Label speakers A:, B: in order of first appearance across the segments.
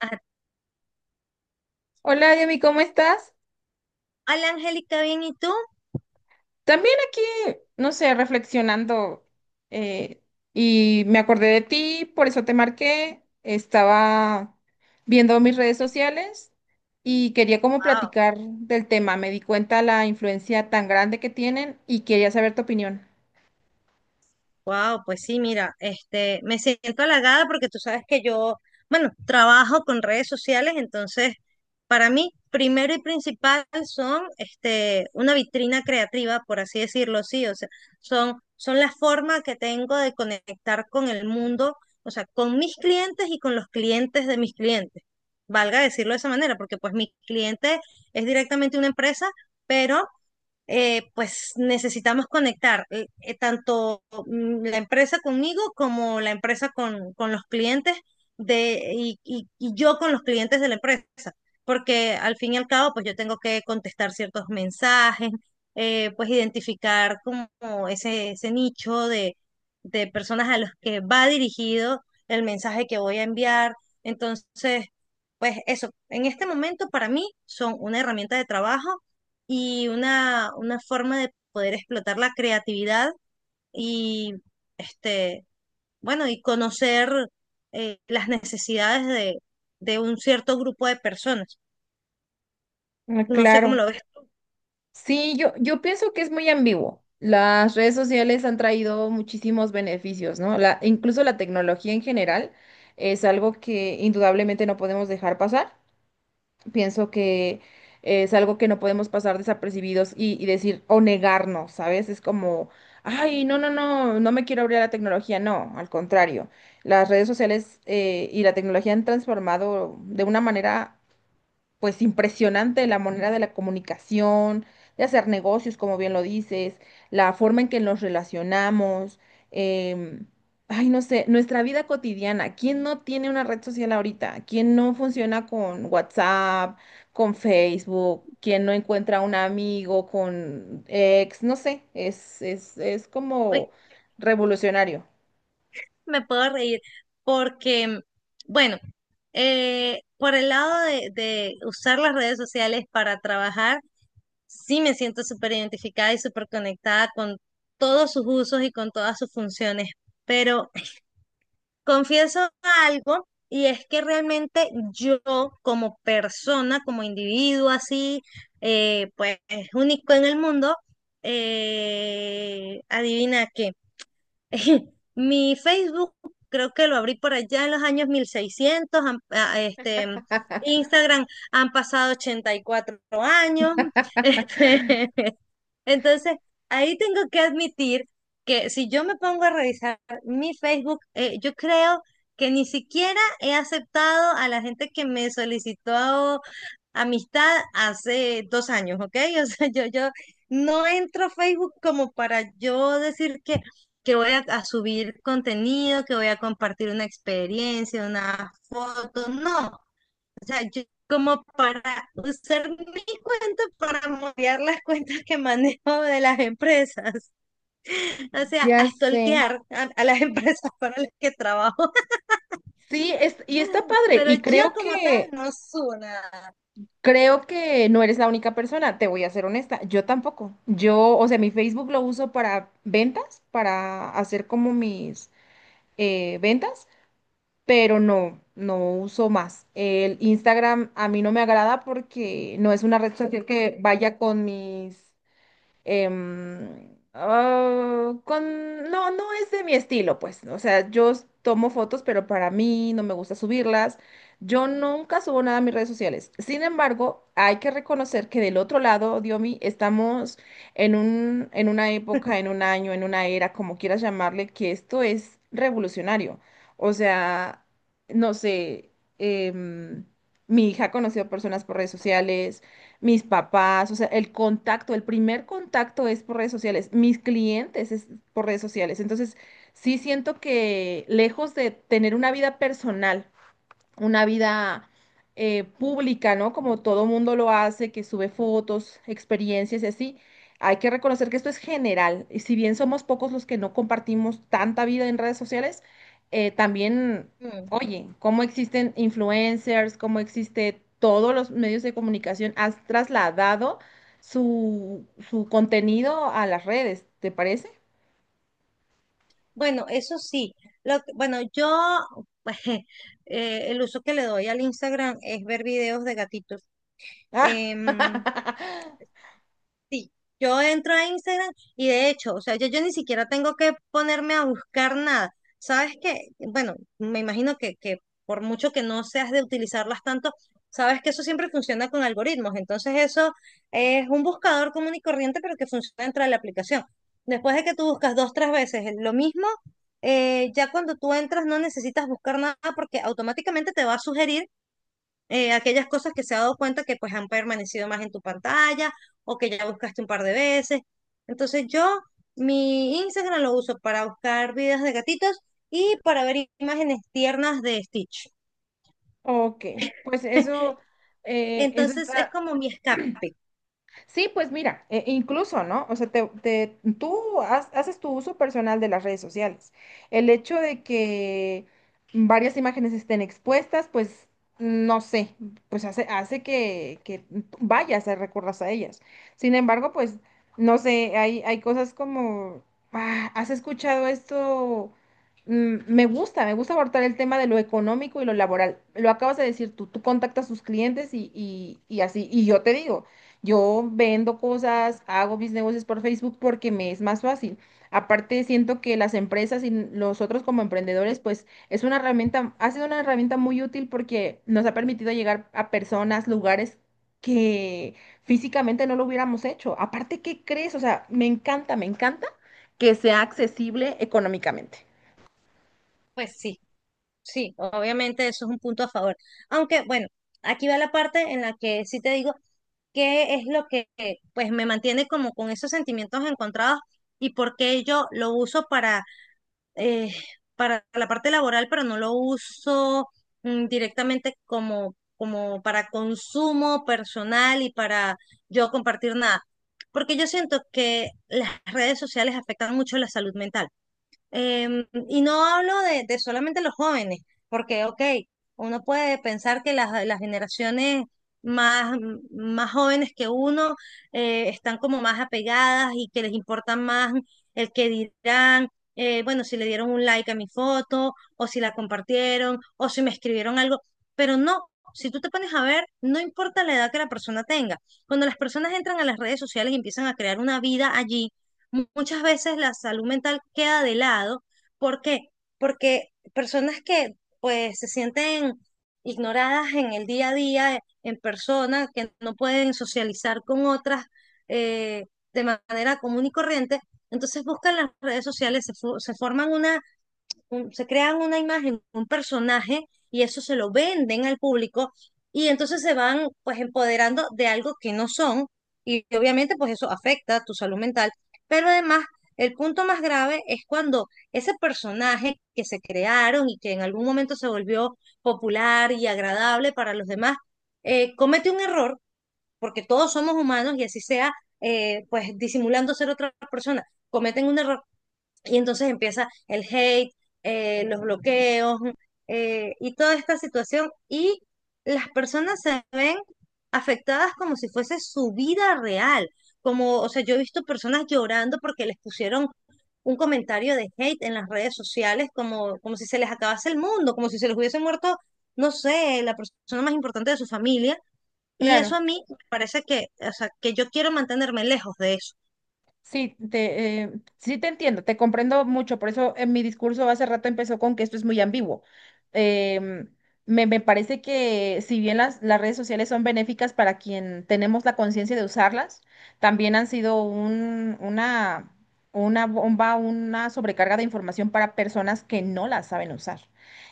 A: Ah,
B: Hola, Yami, ¿cómo estás?
A: hola Angélica, bien, ¿y tú?
B: También aquí, no sé, reflexionando eh, y me acordé de ti, por eso te marqué. Estaba viendo mis redes sociales y quería como
A: Wow,
B: platicar del tema. Me di cuenta la influencia tan grande que tienen y quería saber tu opinión.
A: wow, pues sí, mira, este, me siento halagada porque tú sabes que yo, bueno, trabajo con redes sociales, entonces para mí, primero y principal son este, una vitrina creativa, por así decirlo, sí, o sea, son la forma que tengo de conectar con el mundo, o sea, con mis clientes y con los clientes de mis clientes. Valga decirlo de esa manera, porque pues mi cliente es directamente una empresa, pero pues necesitamos conectar tanto la empresa conmigo como la empresa con los clientes y yo con los clientes de la empresa, porque al fin y al cabo, pues yo tengo que contestar ciertos mensajes, pues identificar como ese nicho de personas a los que va dirigido el mensaje que voy a enviar. Entonces, pues eso, en este momento para mí son una herramienta de trabajo y una forma de poder explotar la creatividad y este, bueno, y conocer las necesidades de un cierto grupo de personas.
B: Ah,
A: No sé cómo
B: claro.
A: lo ves.
B: Sí, yo pienso que es muy ambiguo. Las redes sociales han traído muchísimos beneficios, ¿no? Incluso la tecnología en general es algo que indudablemente no podemos dejar pasar. Pienso que es algo que no podemos pasar desapercibidos y decir o negarnos, ¿sabes? Es como, ay, no, no, no, no me quiero abrir a la tecnología. No, al contrario. Las redes sociales y la tecnología han transformado de una manera pues impresionante la manera de la comunicación, de hacer negocios, como bien lo dices, la forma en que nos relacionamos, em, ay, no sé, nuestra vida cotidiana. ¿Quién no tiene una red social ahorita? ¿Quién no funciona con WhatsApp, con Facebook? ¿Quién no encuentra un amigo con ex? No sé, es
A: Uy,
B: como revolucionario.
A: me puedo reír porque, bueno, por el lado de usar las redes sociales para trabajar, sí me siento súper identificada y súper conectada con todos sus usos y con todas sus funciones. Pero confieso algo, y es que realmente yo como persona, como individuo así, pues único en el mundo, adivina qué. Mi Facebook creo que lo abrí por allá en los años 1600, Instagram han pasado 84 años, este, entonces, ahí tengo que admitir que si yo me pongo a revisar mi Facebook, yo creo que ni siquiera he aceptado a la gente que me solicitó amistad hace 2 años, ¿ok? O sea, yo no entro a Facebook como para yo decir que voy a subir contenido, que voy a compartir una experiencia, una foto, no yo como para usar mi cuenta para moviar las cuentas que manejo de las empresas, o sea,
B: Ya
A: a
B: sé.
A: stalkear a las empresas para las que trabajo,
B: Sí, es, y está padre,
A: pero
B: y
A: yo como tal no subo nada.
B: creo que no eres la única persona, te voy a ser honesta, yo tampoco. Yo, o sea, mi Facebook lo uso para ventas, para hacer como mis ventas, pero no uso más. El Instagram a mí no me agrada porque no es una red social que vaya con mis no, no es de mi estilo, pues. O sea, yo tomo fotos, pero para mí no me gusta subirlas. Yo nunca subo nada a mis redes sociales. Sin embargo, hay que reconocer que del otro lado, Diomi, estamos en un, en una época, en un año, en una era, como quieras llamarle, que esto es revolucionario. O sea, no sé, em, mi hija ha conocido personas por redes sociales, mis papás, o sea, el contacto, el primer contacto es por redes sociales, mis clientes es por redes sociales. Entonces, sí siento que lejos de tener una vida personal, una vida pública, ¿no? Como todo mundo lo hace, que sube fotos, experiencias y así. Hay que reconocer que esto es general. Y si bien somos pocos los que no compartimos tanta vida en redes sociales, también,
A: Mm.
B: oye, cómo existen influencers, cómo existe todos los medios de comunicación, has trasladado su contenido a las redes, ¿te parece?
A: Bueno, eso sí, bueno, yo, pues, el uso que le doy al Instagram es ver videos de gatitos.
B: Ah,
A: Em, Sí, yo entro a Instagram y de hecho, o sea, yo ni siquiera tengo que ponerme a buscar nada. Sabes que, bueno, me imagino que por mucho que no seas de utilizarlas tanto, sabes que eso siempre funciona con algoritmos. Entonces eso es un buscador común y corriente, pero que funciona dentro de la aplicación. Después de que tú buscas dos, tres veces lo mismo, ya cuando tú entras no necesitas buscar nada porque automáticamente te va a sugerir aquellas cosas que se ha dado cuenta que pues han permanecido más en tu pantalla o que ya buscaste un par de veces. Entonces yo mi Instagram lo uso para buscar videos de gatitos y para ver imágenes tiernas de Stitch.
B: ok, pues eso, eso
A: Entonces es
B: está.
A: como mi escape.
B: Sí, pues mira, incluso, ¿no? O sea, tú haces tu uso personal de las redes sociales. El hecho de que varias imágenes estén expuestas, pues no sé, pues hace que vayas a recurras a ellas. Sin embargo, pues no sé, hay cosas como, "Ah, ¿has escuchado esto? Mm, me gusta, me gusta abordar el tema de lo económico y lo laboral. Lo acabas de decir tú, tú contactas a sus clientes y así, y yo te digo. Yo vendo cosas, hago mis negocios por Facebook porque me es más fácil. Aparte, siento que las empresas y nosotros como emprendedores, pues es una herramienta, ha sido una herramienta muy útil porque nos ha permitido llegar a personas, lugares que físicamente no lo hubiéramos hecho. Aparte, ¿qué crees? O sea, me encanta que sea accesible económicamente.
A: Pues sí, sí, obviamente eso es un punto a favor. Aunque bueno, aquí va la parte en la que sí te digo qué es lo que pues me mantiene como con esos sentimientos encontrados y por qué yo lo uso eh, para la parte laboral, pero no lo uso directamente como para consumo personal y para yo compartir nada. Porque yo siento que las redes sociales afectan mucho la salud mental. Y no hablo de solamente los jóvenes, porque, ok, uno puede pensar que las generaciones más, más jóvenes que uno están como más apegadas y que les importa más el que dirán, bueno, si le dieron un like a mi foto, o si la compartieron, o si me escribieron algo, pero no. Si tú te pones a ver, no importa la edad que la persona tenga. Cuando las personas entran a las redes sociales y empiezan a crear una vida allí, muchas veces la salud mental queda de lado. ¿Por qué? Porque personas que pues se sienten ignoradas en el día a día, en persona, que no pueden socializar con otras eh, de manera común y corriente, entonces buscan las redes sociales, se crean una imagen, un personaje, y eso se lo venden al público, y entonces se van pues empoderando de algo que no son, y obviamente pues eso afecta tu salud mental, pero además el punto más grave es cuando ese personaje que se crearon y que en algún momento se volvió popular y agradable para los demás, comete un error, porque todos somos humanos y así sea, pues disimulando ser otra persona, cometen un error y entonces empieza el hate, los bloqueos y toda esta situación. Y las personas se ven afectadas como si fuese su vida real. Como, o sea, yo he visto personas llorando porque les pusieron un comentario de hate en las redes sociales, como si se les acabase el mundo, como si se les hubiese muerto, no sé, la persona más importante de su familia. Y eso
B: Claro.
A: a mí me parece que, o sea, que yo quiero mantenerme lejos de eso.
B: Sí, sí te entiendo, te comprendo mucho, por eso en mi discurso hace rato empezó con que esto es muy ambiguo. Em, Me parece que si bien las redes sociales son benéficas para quien tenemos la conciencia de usarlas, también han sido una bomba, una sobrecarga de información para personas que no las saben usar.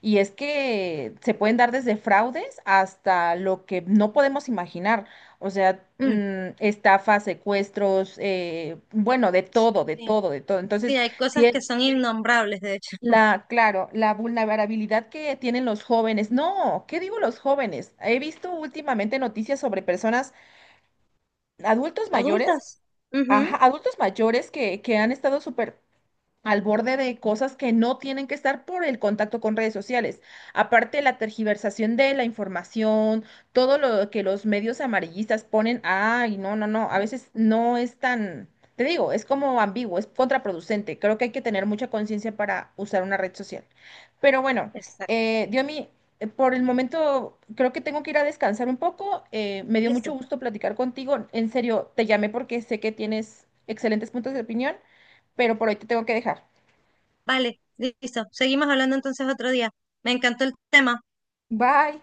B: Y es que se pueden dar desde fraudes hasta lo que no podemos imaginar. O sea,
A: Mm.
B: mm, estafas, secuestros, bueno, de todo, de
A: Sí,
B: todo, de todo.
A: sí,
B: Entonces,
A: hay
B: si
A: cosas
B: es
A: que son innombrables, de hecho.
B: claro, la vulnerabilidad que tienen los jóvenes, no, ¿qué digo los jóvenes? He visto últimamente noticias sobre personas, adultos mayores,
A: Adultas. Ujú,
B: ajá, adultos mayores que han estado súper al borde de cosas que no tienen que estar por el contacto con redes sociales. Aparte, la tergiversación de la información, todo lo que los medios amarillistas ponen, ay, no, no, no, a veces no es tan, te digo, es como ambiguo, es contraproducente. Creo que hay que tener mucha conciencia para usar una red social. Pero bueno,
A: exacto.
B: Diomi, por el momento creo que tengo que ir a descansar un poco. Me dio mucho
A: Listo.
B: gusto platicar contigo. En serio, te llamé porque sé que tienes excelentes puntos de opinión, pero por hoy te tengo que dejar.
A: Vale, listo. Seguimos hablando entonces otro día. Me encantó el tema.
B: Bye.